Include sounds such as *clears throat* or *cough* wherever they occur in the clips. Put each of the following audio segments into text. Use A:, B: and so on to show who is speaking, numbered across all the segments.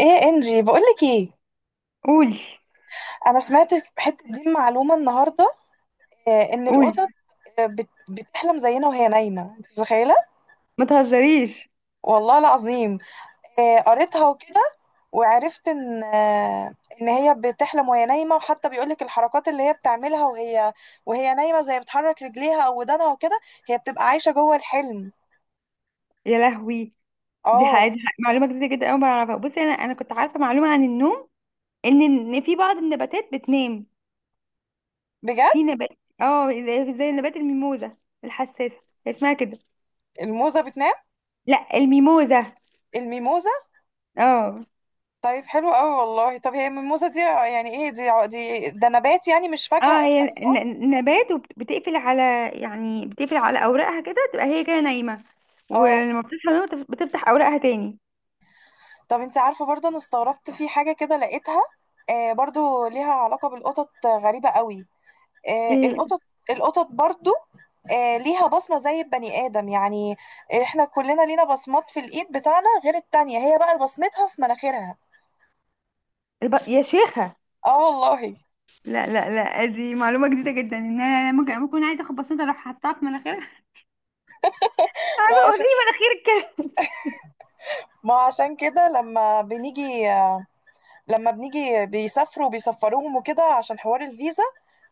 A: ايه انجي، بقولك ايه.
B: قولي.
A: انا سمعت حته دي معلومه النهارده، ان
B: قولي.
A: القطط، بتحلم زينا وهي نايمه، انت متخيله؟
B: ما تهزريش.
A: والله العظيم. قريتها وكده، وعرفت ان هي بتحلم وهي نايمه، وحتى بيقولك الحركات اللي هي بتعملها وهي نايمه، زي بتحرك رجليها او ودانها وكده. هي بتبقى عايشه جوه الحلم.
B: يا لهوي، دي
A: اه.
B: حقيقة دي حقيقة. معلومة جديدة جدا أوي ما أعرفها. بصي، أنا كنت عارفة معلومة عن النوم. إن في بعض النباتات بتنام.
A: بجد.
B: في نبات، اه، زي نبات الميموزة، الحساسة، هي اسمها كده.
A: الموزه بتنام؟
B: لا، الميموزة.
A: الميموزه.
B: اه.
A: طيب حلو قوي والله. طب هي الميموزه دي يعني ايه؟ دي ده نبات يعني؟ مش
B: اه،
A: فاكهه او
B: هي
A: كده، صح؟
B: نبات، وبتقفل على، يعني بتقفل على أوراقها كده، تبقى هي كده نايمة.
A: اه.
B: ولما بتصحى من النوم بتفتح أوراقها تاني.
A: طب انت عارفة برضه، انا استغربت في حاجة كده لقيتها، برضه ليها علاقة بالقطط، غريبة قوي.
B: إيه،
A: القطط، القطط برضه ليها بصمة زي البني آدم يعني. احنا كلنا لينا بصمات في الايد بتاعنا، غير التانية هي بقى بصمتها في مناخيرها.
B: يا شيخة.
A: اه والله.
B: لا لا لا، دي معلومة جديدة جدا. ان انا ممكن، عايزة اخد بصمتي اروح حطها في مناخيرها. *laughs*
A: ما
B: عارفة اوريه
A: عشان
B: مناخيرك. *laughs* كده.
A: ما عشان كده لما بنيجي آه، لما بنيجي بيسافروا، بيسفروهم وكده عشان حوار الفيزا،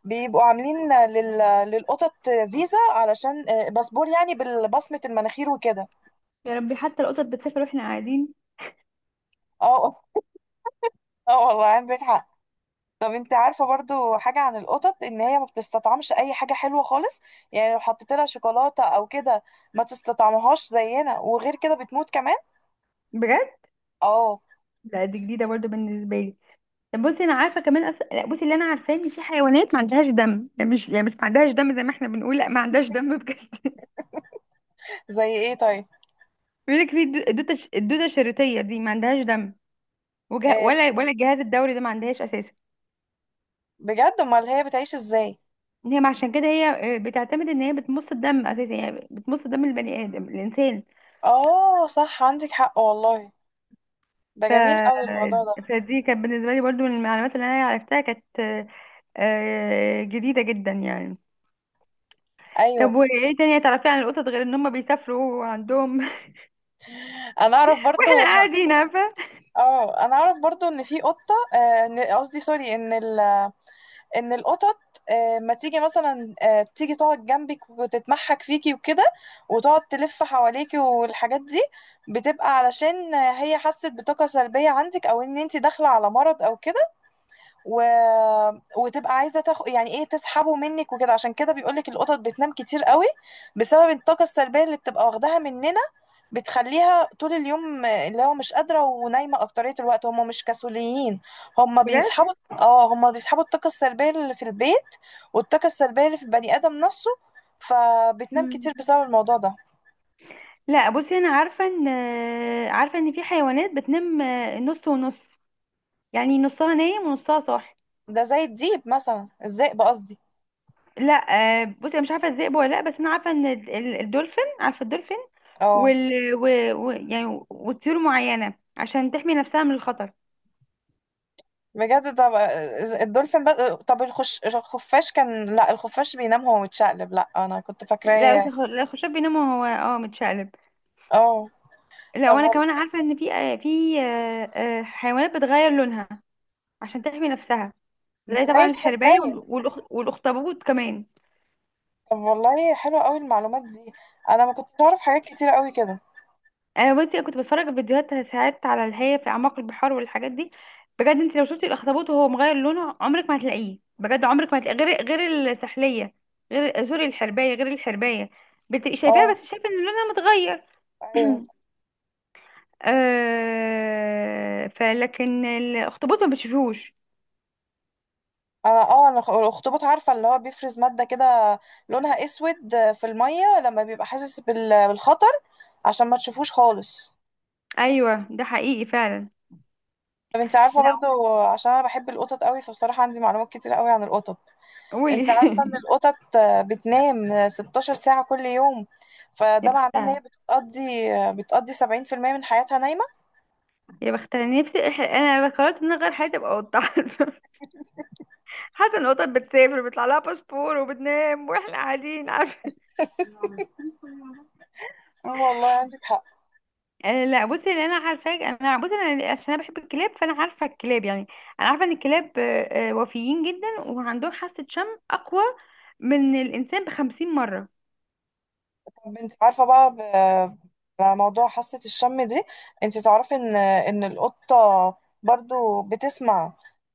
A: بيبقوا عاملين للقطط فيزا، علشان باسبور يعني، بالبصمة المناخير وكده.
B: يا ربي، حتى القطط بتسافر واحنا قاعدين.
A: اه. اه والله عندك حق. طب انت عارفة برضو حاجة عن القطط، ان هي ما بتستطعمش اي حاجة حلوة خالص؟ يعني لو حطيت لها شوكولاتة او كده ما تستطعمهاش زينا، وغير كده بتموت كمان.
B: بجد؟
A: اه.
B: لا، دي جديدة برضو بالنسبة لي. طب بصي، انا عارفة كمان، لا، بصي، اللي انا عارفاه ان في حيوانات ما عندهاش دم. يعني مش، ما عندهاش دم زي ما احنا بنقول، لا ما عندهاش دم بجد. *laughs*
A: زي ايه طيب؟
B: بيقول لك في الدودة الدودة الشريطية دي ما عندهاش دم.
A: آه،
B: ولا، الجهاز الدوري ده ما عندهاش اساسا.
A: بجد، امال هي بتعيش ازاي؟
B: هي عشان كده هي، بتعتمد ان هي بتمص الدم اساسا، يعني بتمص دم البني ادم، الانسان.
A: اه صح عندك حق والله. ده جميل قوي الموضوع ده.
B: فدي كانت بالنسبة لي برضو من المعلومات اللي أنا عرفتها، كانت جديدة جدا يعني.
A: ايوه.
B: طب وإيه تاني تعرفي عن القطط غير إن هما بيسافروا وعندهم،
A: انا اعرف
B: *laughs* وإحنا
A: برضو ما-
B: قاعدين، عارفة.
A: اه انا اعرف برضو ان في قطه، قصدي سوري، ان القطط ما تيجي مثلا، تيجي تقعد جنبك وتتمحك فيكي وكده، وتقعد تلف حواليكي والحاجات دي، بتبقى علشان هي حست بطاقه سلبيه عندك، او ان انت داخله على مرض او كده، و... وتبقى عايزه تاخد يعني ايه، تسحبه منك وكده. عشان كده بيقولك القطط بتنام كتير قوي، بسبب الطاقه السلبيه اللي بتبقى واخداها مننا. بتخليها طول اليوم اللي هو مش قادره ونايمه اكتريه الوقت، هم مش كسوليين، هم
B: بجد؟
A: بيسحبوا اه هم بيسحبوا الطاقه السلبيه اللي في البيت، والطاقه السلبيه اللي في البني ادم نفسه. فبتنام
B: مم.
A: كتير بسبب الموضوع ده.
B: لا بصي، أنا عارفة إن، عارفة إن في حيوانات بتنام، نص ونص، يعني نصها نايم ونصها صاحي.
A: ده زي الديب مثلا، الذئب قصدي.
B: لا، بصي أنا مش عارفة الذئب ولا لأ، بس أنا عارفة إن الدولفين، عارفة الدولفين؟
A: اه.
B: وال و... يعني وطيور معينة عشان تحمي نفسها من الخطر.
A: بجد؟ طب الدولفين بس؟ طب الخفاش كان، لا الخفاش بينام وهو متشقلب، لا انا كنت
B: لا بس
A: فاكراه.
B: لا، الخشب بينام وهو، اه، متشقلب.
A: اه.
B: لا،
A: طب
B: وانا كمان عارفه ان في، حيوانات بتغير لونها عشان تحمي نفسها.
A: ده
B: زي
A: زي
B: طبعا الحرباية،
A: الحرباية.
B: والاخطبوط كمان.
A: طب والله حلوة قوي المعلومات دي، انا ما كنتش اعرف حاجات كتيرة قوي كده.
B: انا بصي كنت بتفرج في فيديوهات ساعات على اللي هي في اعماق البحار والحاجات دي. بجد، انت لو شفتي الاخطبوط وهو مغير لونه، عمرك ما هتلاقيه، بجد عمرك ما هتلاقيه، غير، السحليه، غير سوري الحرباية، غير الحرباية. بتبقي شايفاها،
A: اه.
B: بس شايفه ان لونها متغير.
A: ايوه.
B: *clears throat* فلكن الاخطبوط ما بتشوفوش.
A: انا اه انا الاخطبوط عارفة اللي هو بيفرز مادة كده لونها اسود في المية لما بيبقى حاسس بالخطر، عشان ما تشوفوش خالص.
B: ايوه، ده حقيقي فعلا.
A: طب انت عارفة
B: لا،
A: برضو، عشان انا بحب القطط قوي، فبصراحة عندي معلومات كتيرة قوي عن القطط.
B: قولي.
A: انت عارفة ان القطط بتنام 16 ساعة كل يوم؟
B: *laughs* يا
A: فده معناه ان هي
B: بختها.
A: بتقضي 70% من حياتها نايمة.
B: يا بختها، نفسي، انا قررت ان أنا اغير حياتي ابقى قطه. *laughs* عارفة؟ حتى ان القطط بتسافر بيطلع لها باسبور وبتنام واحنا قاعدين، عارفه.
A: *laughs* اه والله عندك حق.
B: لا بصي، اللي انا عارفاه انا، بصي، انا عشان انا بحب الكلاب فانا عارفه الكلاب يعني. انا عارفه ان الكلاب، وفيين جدا وعندهم حاسه شم اقوى من الانسان بـ50 مره.
A: طب انت عارفة بقى، على موضوع حاسة الشم دي، انت تعرفي ان القطة برضو بتسمع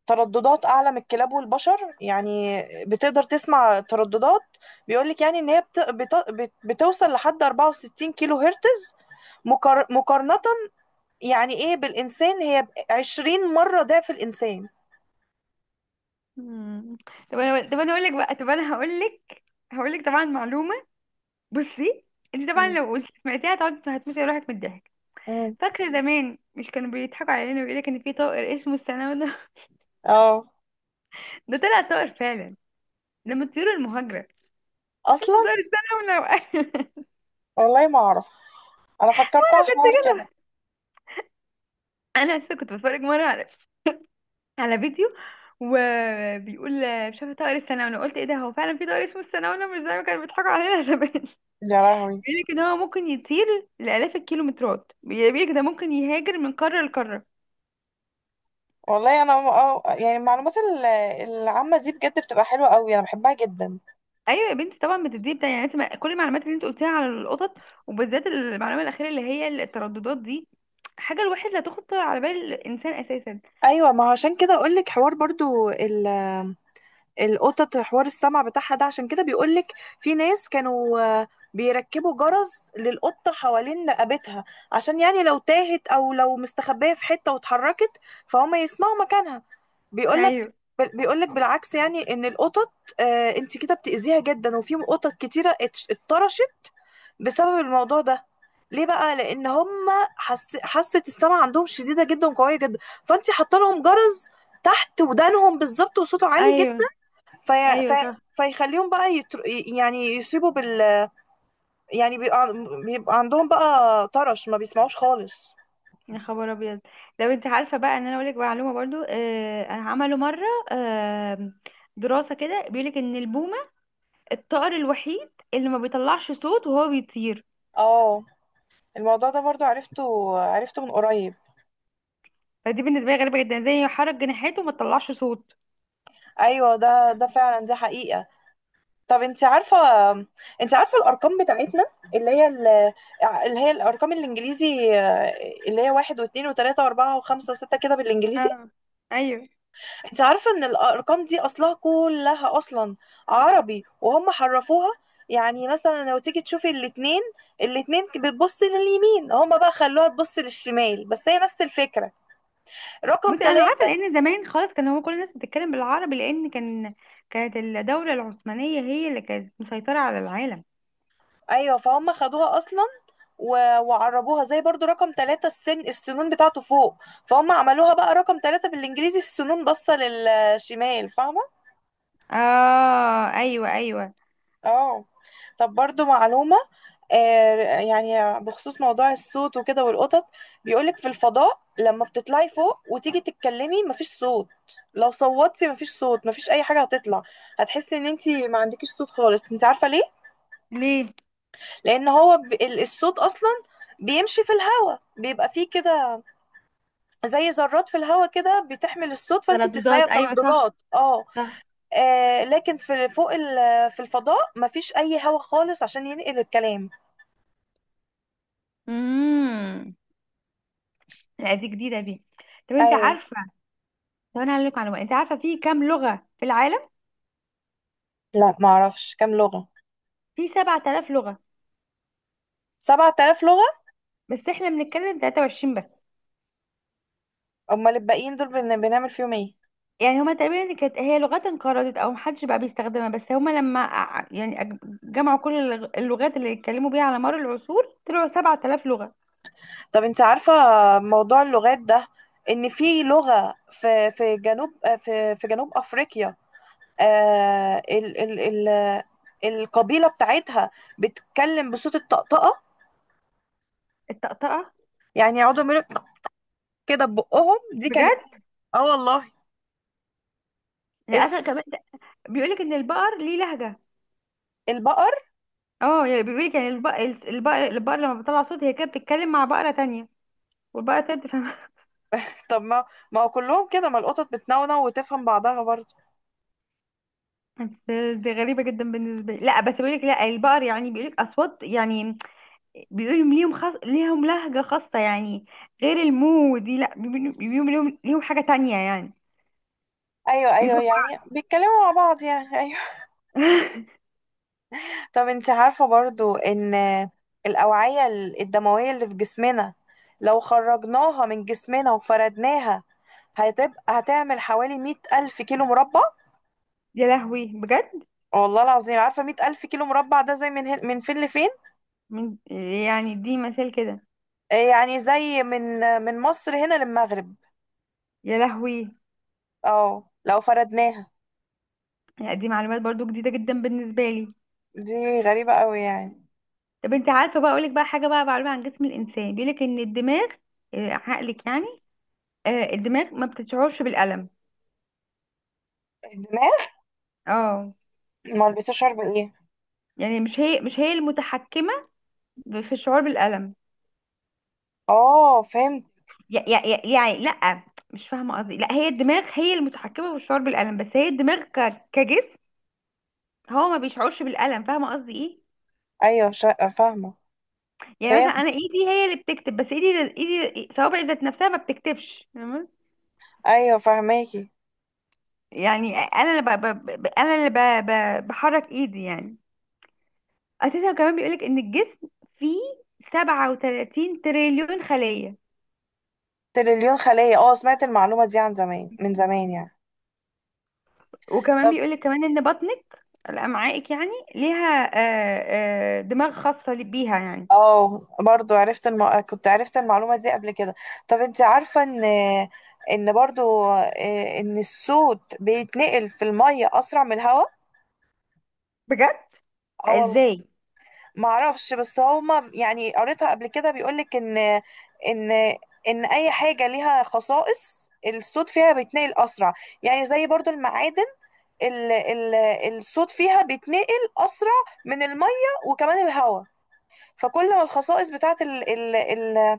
A: ترددات اعلى من الكلاب والبشر يعني؟ بتقدر تسمع ترددات، بيقولك يعني ان هي بتوصل لحد 64 كيلو هرتز، مقارنة يعني ايه بالانسان، هي 20 مرة ضعف الانسان.
B: مم. طب انا طب انا اقول لك بقى طب انا هقول لك. هقول لك طبعا معلومه. بصي، انت طبعا
A: مم.
B: لو قلت سمعتيها هتقعدي هتموتي روحك من الضحك.
A: مم.
B: فاكره زمان مش كانوا بيضحكوا علينا ويقولوا لك ان في طائر اسمه السنونو؟ *laughs*
A: اه.
B: ده طلع طائر فعلا، لما الطيور المهاجره،
A: اصلا.
B: اسمه طائر السنونو.
A: والله ما اعرف، انا فكرتها حوار كده.
B: *laughs* انا لسه كنت بتفرج مره على، على فيديو، وبيقول، شاف طائر السنونو، قلت ايه ده، هو فعلا في طائر اسمه السنونو، مش زي ما كانوا بيضحكوا علينا زمان. *laughs*
A: يا لهوي.
B: بيقول لك ان هو ممكن يطير لالاف الكيلومترات، بيقول لك ده ممكن يهاجر من قاره لقاره.
A: والله انا اه يعني المعلومات العامة دي بجد بتبقى حلوة قوي، انا بحبها جدا.
B: ايوه يا بنتي، طبعا بتديه بتاع، يعني، انت كل المعلومات اللي انت قلتيها على القطط، وبالذات المعلومه الاخيره اللي هي الترددات دي، حاجه الواحد لا تخطر على بال الانسان اساسا.
A: ايوه. ما هو عشان كده اقول لك حوار برضو القطط، حوار السمع بتاعها ده. عشان كده بيقول لك في ناس كانوا بيركبوا جرس للقطة حوالين رقبتها، عشان يعني لو تاهت او لو مستخبية في حتة واتحركت فهم يسمعوا مكانها. بيقولك
B: ايوه.
A: بيقولك بالعكس، يعني ان القطط آه انت كده بتأذيها جدا، وفي قطط كتيرة اتطرشت بسبب الموضوع ده. ليه بقى؟ لان هم حاسة السمع عندهم شديدة جدا وقوية جدا، فانت حاطه لهم جرس تحت ودانهم بالظبط وصوته عالي جدا،
B: ايوه.
A: في... في...
B: ايوه صح.
A: فيخليهم بقى يعني يصيبوا بال، يعني بيبقى عندهم بقى طرش ما بيسمعوش خالص.
B: يا خبر ابيض. لو انت عارفه بقى، ان انا اقول لك معلومه برضو، آه، عملوا مره، آه، دراسه كده، بيقول لك ان البومه الطائر الوحيد اللي ما بيطلعش صوت وهو بيطير.
A: اه. الموضوع ده برضو عرفته من قريب.
B: فدي بالنسبه لي غريبه جدا، زي يحرك جناحاته وما تطلعش صوت.
A: ايوه ده فعلا، دي حقيقة. طب انت عارفه، انت عارفه الارقام بتاعتنا، اللي هي ال... اللي هي الارقام الانجليزي، اللي هي واحد واثنين وثلاثه واربعه وخمسه وسته كده بالانجليزي؟
B: اه. ايوه.
A: انت عارفه ان الارقام دي اصلها كلها اصلا عربي وهم حرفوها؟ يعني مثلا لو تيجي تشوفي الاثنين، الاثنين بتبص لليمين، هم بقى خلوها تبص للشمال، بس هي نفس الفكره. رقم
B: بصي انا عارفه،
A: ثلاثه.
B: لان زمان خالص كان هو كل الناس بتتكلم بالعربي، لان كان، كانت الدوله العثمانيه هي اللي كانت مسيطره على العالم.
A: ايوه فهم خدوها اصلا، وقربوها. زي برضو رقم ثلاثة، السنون بتاعته فوق، فهم عملوها بقى رقم ثلاثة بالانجليزي السنون باصة للشمال، فاهمة؟
B: اه. ايوه ايوه.
A: اه. طب برضو معلومة، يعني بخصوص موضوع الصوت وكده والقطط. بيقولك في الفضاء لما بتطلعي فوق وتيجي تتكلمي مفيش صوت. لو صوتي مفيش صوت، مفيش اي حاجة هتطلع، هتحسي ان انتي ما عندكيش صوت خالص. انت عارفة ليه؟
B: ليه.
A: لان هو الصوت اصلا بيمشي في الهواء، بيبقى فيه كده زي ذرات في الهواء كده بتحمل الصوت، فانت بتسمعيها
B: ترددات، ايوه صح.
A: ترددات اه.
B: صح.
A: لكن في فوق في الفضاء مفيش اي هواء خالص عشان ينقل الكلام.
B: امم. لا دي جديده دي. طب انت
A: ايوه.
B: عارفه، طب انا هقول لك معلومه، انت عارفه في كام لغه في العالم؟
A: لا معرفش كام لغة.
B: في 7000 لغه،
A: 7000 لغة؟
B: بس احنا بنتكلم 23 بس.
A: امال الباقيين دول بنعمل فيهم ايه؟
B: يعني هما تقريبا كانت هي لغات انقرضت او محدش بقى بيستخدمها، بس هما لما يعني جمعوا كل اللغات اللي اتكلموا بيها على مر العصور طلعوا 7000 لغة.
A: طب انت عارفة موضوع اللغات ده، ان في لغة في جنوب افريقيا، آه ال ال ال القبيلة بتاعتها بتتكلم بصوت الطقطقة؟
B: الطقطقة.
A: يعني يقعدوا يعملوا كده ببقهم دي.
B: بجد؟
A: اه والله. اسم.
B: للاسف كمان بيقولك ان البقر ليه لهجة.
A: البقر؟
B: اه، يعني بيقولك يعني البقر، البقر لما بيطلع صوت هي كده بتتكلم مع بقرة تانية، والبقرة التانية بتفهمها.
A: طب ما ما هو كلهم كده، ما القطط بتنونو وتفهم بعضها برضو.
B: *laughs* بس دي غريبة جدا بالنسبة لي. لا بس بيقولك لا، البقر يعني بيقولك اصوات يعني، بيبقى ليهم خاص ليهم لهجة خاصة يعني، غير المو دي. لا، بيبقى ليهم حاجة تانية يعني.
A: ايوه
B: بيفكر.
A: يعني بيتكلموا مع بعض يعني. *laughs* ايوه.
B: *laughs*
A: طب انت عارفة برضو ان الاوعية الدموية اللي في جسمنا لو خرجناها من جسمنا وفردناها هتبقى هتعمل حوالي 100,000 كيلو مربع؟
B: يا لهوي بجد.
A: والله العظيم. عارفة 100,000 كيلو مربع، ده زي من فين لفين؟
B: من، يعني دي مثال كده.
A: يعني زي من مصر هنا للمغرب.
B: يا لهوي.
A: اه لو فردناها.
B: لا دي معلومات برضو جديدة جدا بالنسبة لي.
A: دي غريبة قوي يعني.
B: طب انت عارفة بقى اقولك بقى حاجة بقى، معلومة عن جسم الانسان، بيقولك ان الدماغ، عقلك يعني، الدماغ ما بتشعرش بالألم.
A: الدماغ؟
B: اه،
A: ما البسوش شرب ايه؟
B: يعني مش هي المتحكمة في الشعور بالألم.
A: اه فهمت.
B: يعني لا، مش فاهمه قصدي، لا هي الدماغ هي المتحكمه بالشعور بالالم، بس هي الدماغ، كجسم، هو ما بيشعرش بالالم، فاهمه قصدي ايه؟
A: ايوه شقة فاهمة.
B: يعني مثلا انا
A: فهمت.
B: ايدي هي اللي بتكتب، بس ايدي صوابعي ذات نفسها ما بتكتبش، فاهمة؟
A: ايوه فاهماكي.
B: يعني انا اللي بحرك ايدي يعني. اساسا كمان بيقولك ان الجسم فيه 37 تريليون خليه.
A: تريليون خلية، اه سمعت المعلومة دي عن زمان، من زمان يعني.
B: وكمان
A: طب.
B: بيقولك كمان ان بطنك، الامعائك يعني ليها، دماغ خاصه بيها يعني.
A: اه برضو عرفت كنت عرفت المعلومة دي قبل كده. طب انت عارفة ان برضو، ان الصوت بيتنقل في المية اسرع من الهواء؟
B: بجد؟
A: اه والله.
B: ازاي؟
A: معرفش بس هما يعني قريتها قبل كده، بيقولك ان ان اي حاجه ليها خصائص الصوت فيها بيتنقل اسرع، يعني زي برضو المعادن، ال ال الصوت فيها بيتنقل اسرع من الميه وكمان الهواء. فكل ما الخصائص بتاعت ال ال ال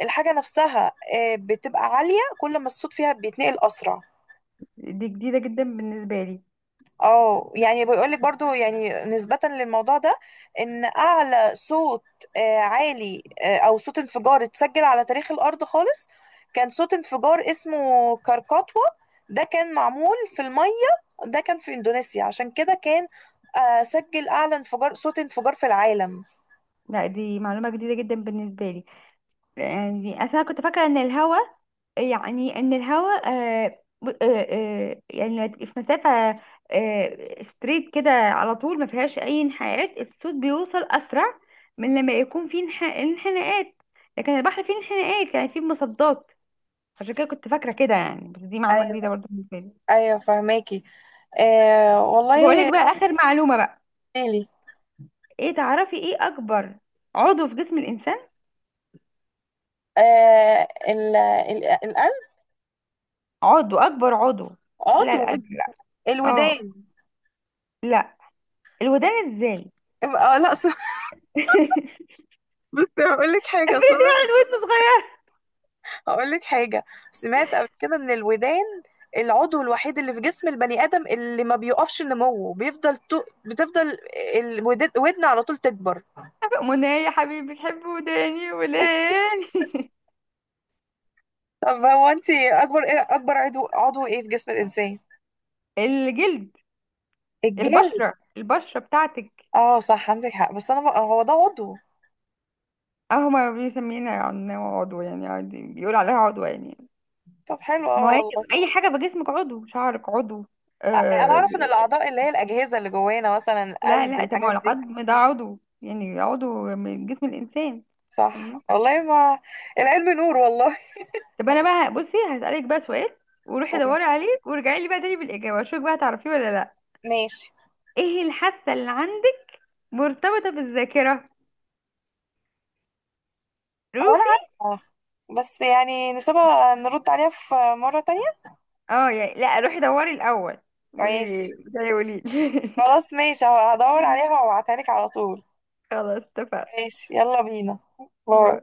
A: الحاجه نفسها بتبقى عاليه، كل ما الصوت فيها بيتنقل اسرع.
B: دي جديدة جدا بالنسبة لي.
A: اه يعني بيقولك برضو يعني نسبة للموضوع ده، ان اعلى صوت، عالي، او صوت انفجار اتسجل على تاريخ الارض خالص، كان صوت انفجار اسمه كركاتوا. ده كان معمول في المية، ده كان في اندونيسيا، عشان كده كان سجل اعلى انفجار، صوت انفجار في العالم.
B: لا دي معلومة جديدة جدا بالنسبة لي. يعني أصل أنا كنت فاكرة إن الهوا، يعني إن الهوا، يعني في مسافة، آه، ستريت كده على طول ما فيهاش أي انحناءات، الصوت بيوصل أسرع من لما يكون فيه انحناءات. لكن البحر فيه انحناءات يعني فيه مصدات، عشان كده كنت فاكرة كده يعني، بس دي معلومة جديدة
A: ايوه.
B: برضه بالنسبة لي.
A: ايوه فهماكي. آه
B: بقول لك
A: والله.
B: بقى آخر معلومة بقى.
A: ليلي.
B: تعرفي إيه أكبر عضو في جسم الإنسان؟
A: آه ال ال القلب.
B: عضو، اكبر عضو. لا،
A: عضو.
B: القلب لا.
A: الودان.
B: اه، لا. الودان ازاي؟
A: اه لا، *laughs* بس
B: *laughs*
A: بقول لك حاجه
B: افرض
A: اصلا.
B: واحد ودنه صغيرة.
A: هقول لك حاجة، سمعت قبل كده ان الودان العضو الوحيد اللي في جسم البني آدم اللي ما بيقفش نموه، بيفضل بتفضل الودن ودن على طول تكبر.
B: منى يا حبيبي، بتحب وداني ولاني؟
A: طب هو انت اكبر ايه، اكبر عضو ايه في جسم الانسان؟
B: *laughs* الجلد.
A: الجلد.
B: البشرة بتاعتك.
A: اه صح عندك حق. بس انا هو ده عضو؟
B: اهو ما بيسمينا عنها عضو يعني، عادي بيقول عليها عضو يعني.
A: طب حلو اه
B: مواكب،
A: والله.
B: اي حاجة بجسمك عضو، شعرك عضو،
A: انا
B: آه.
A: اعرف ان الاعضاء اللي هي الاجهزة اللي جوانا، مثلا
B: لا
A: القلب
B: لا، طب ما
A: الحاجات
B: هو
A: دي.
B: العظم ده عضو يعني، عضو من جسم الانسان.
A: صح والله. ما العلم نور والله.
B: طب انا بقى بصي هسألك بقى سؤال، وروحي دوري عليه وارجعي لي بقى تاني بالإجابة، اشوفك بقى هتعرفيه ولا لا.
A: ماشي.
B: ايه الحاسة اللي عندك مرتبطة بالذاكرة؟
A: او انا
B: روفي.
A: عارفة، بس يعني نسيبها نرد عليها في مرة تانية.
B: اه يعني لا، روحي دوري الأول
A: ماشي.
B: وتقولي لي.
A: خلاص ماشي، هدور عليها وابعتها لك على طول.
B: *laughs* خلاص اتفقنا.
A: ماشي، يلا بينا. باي.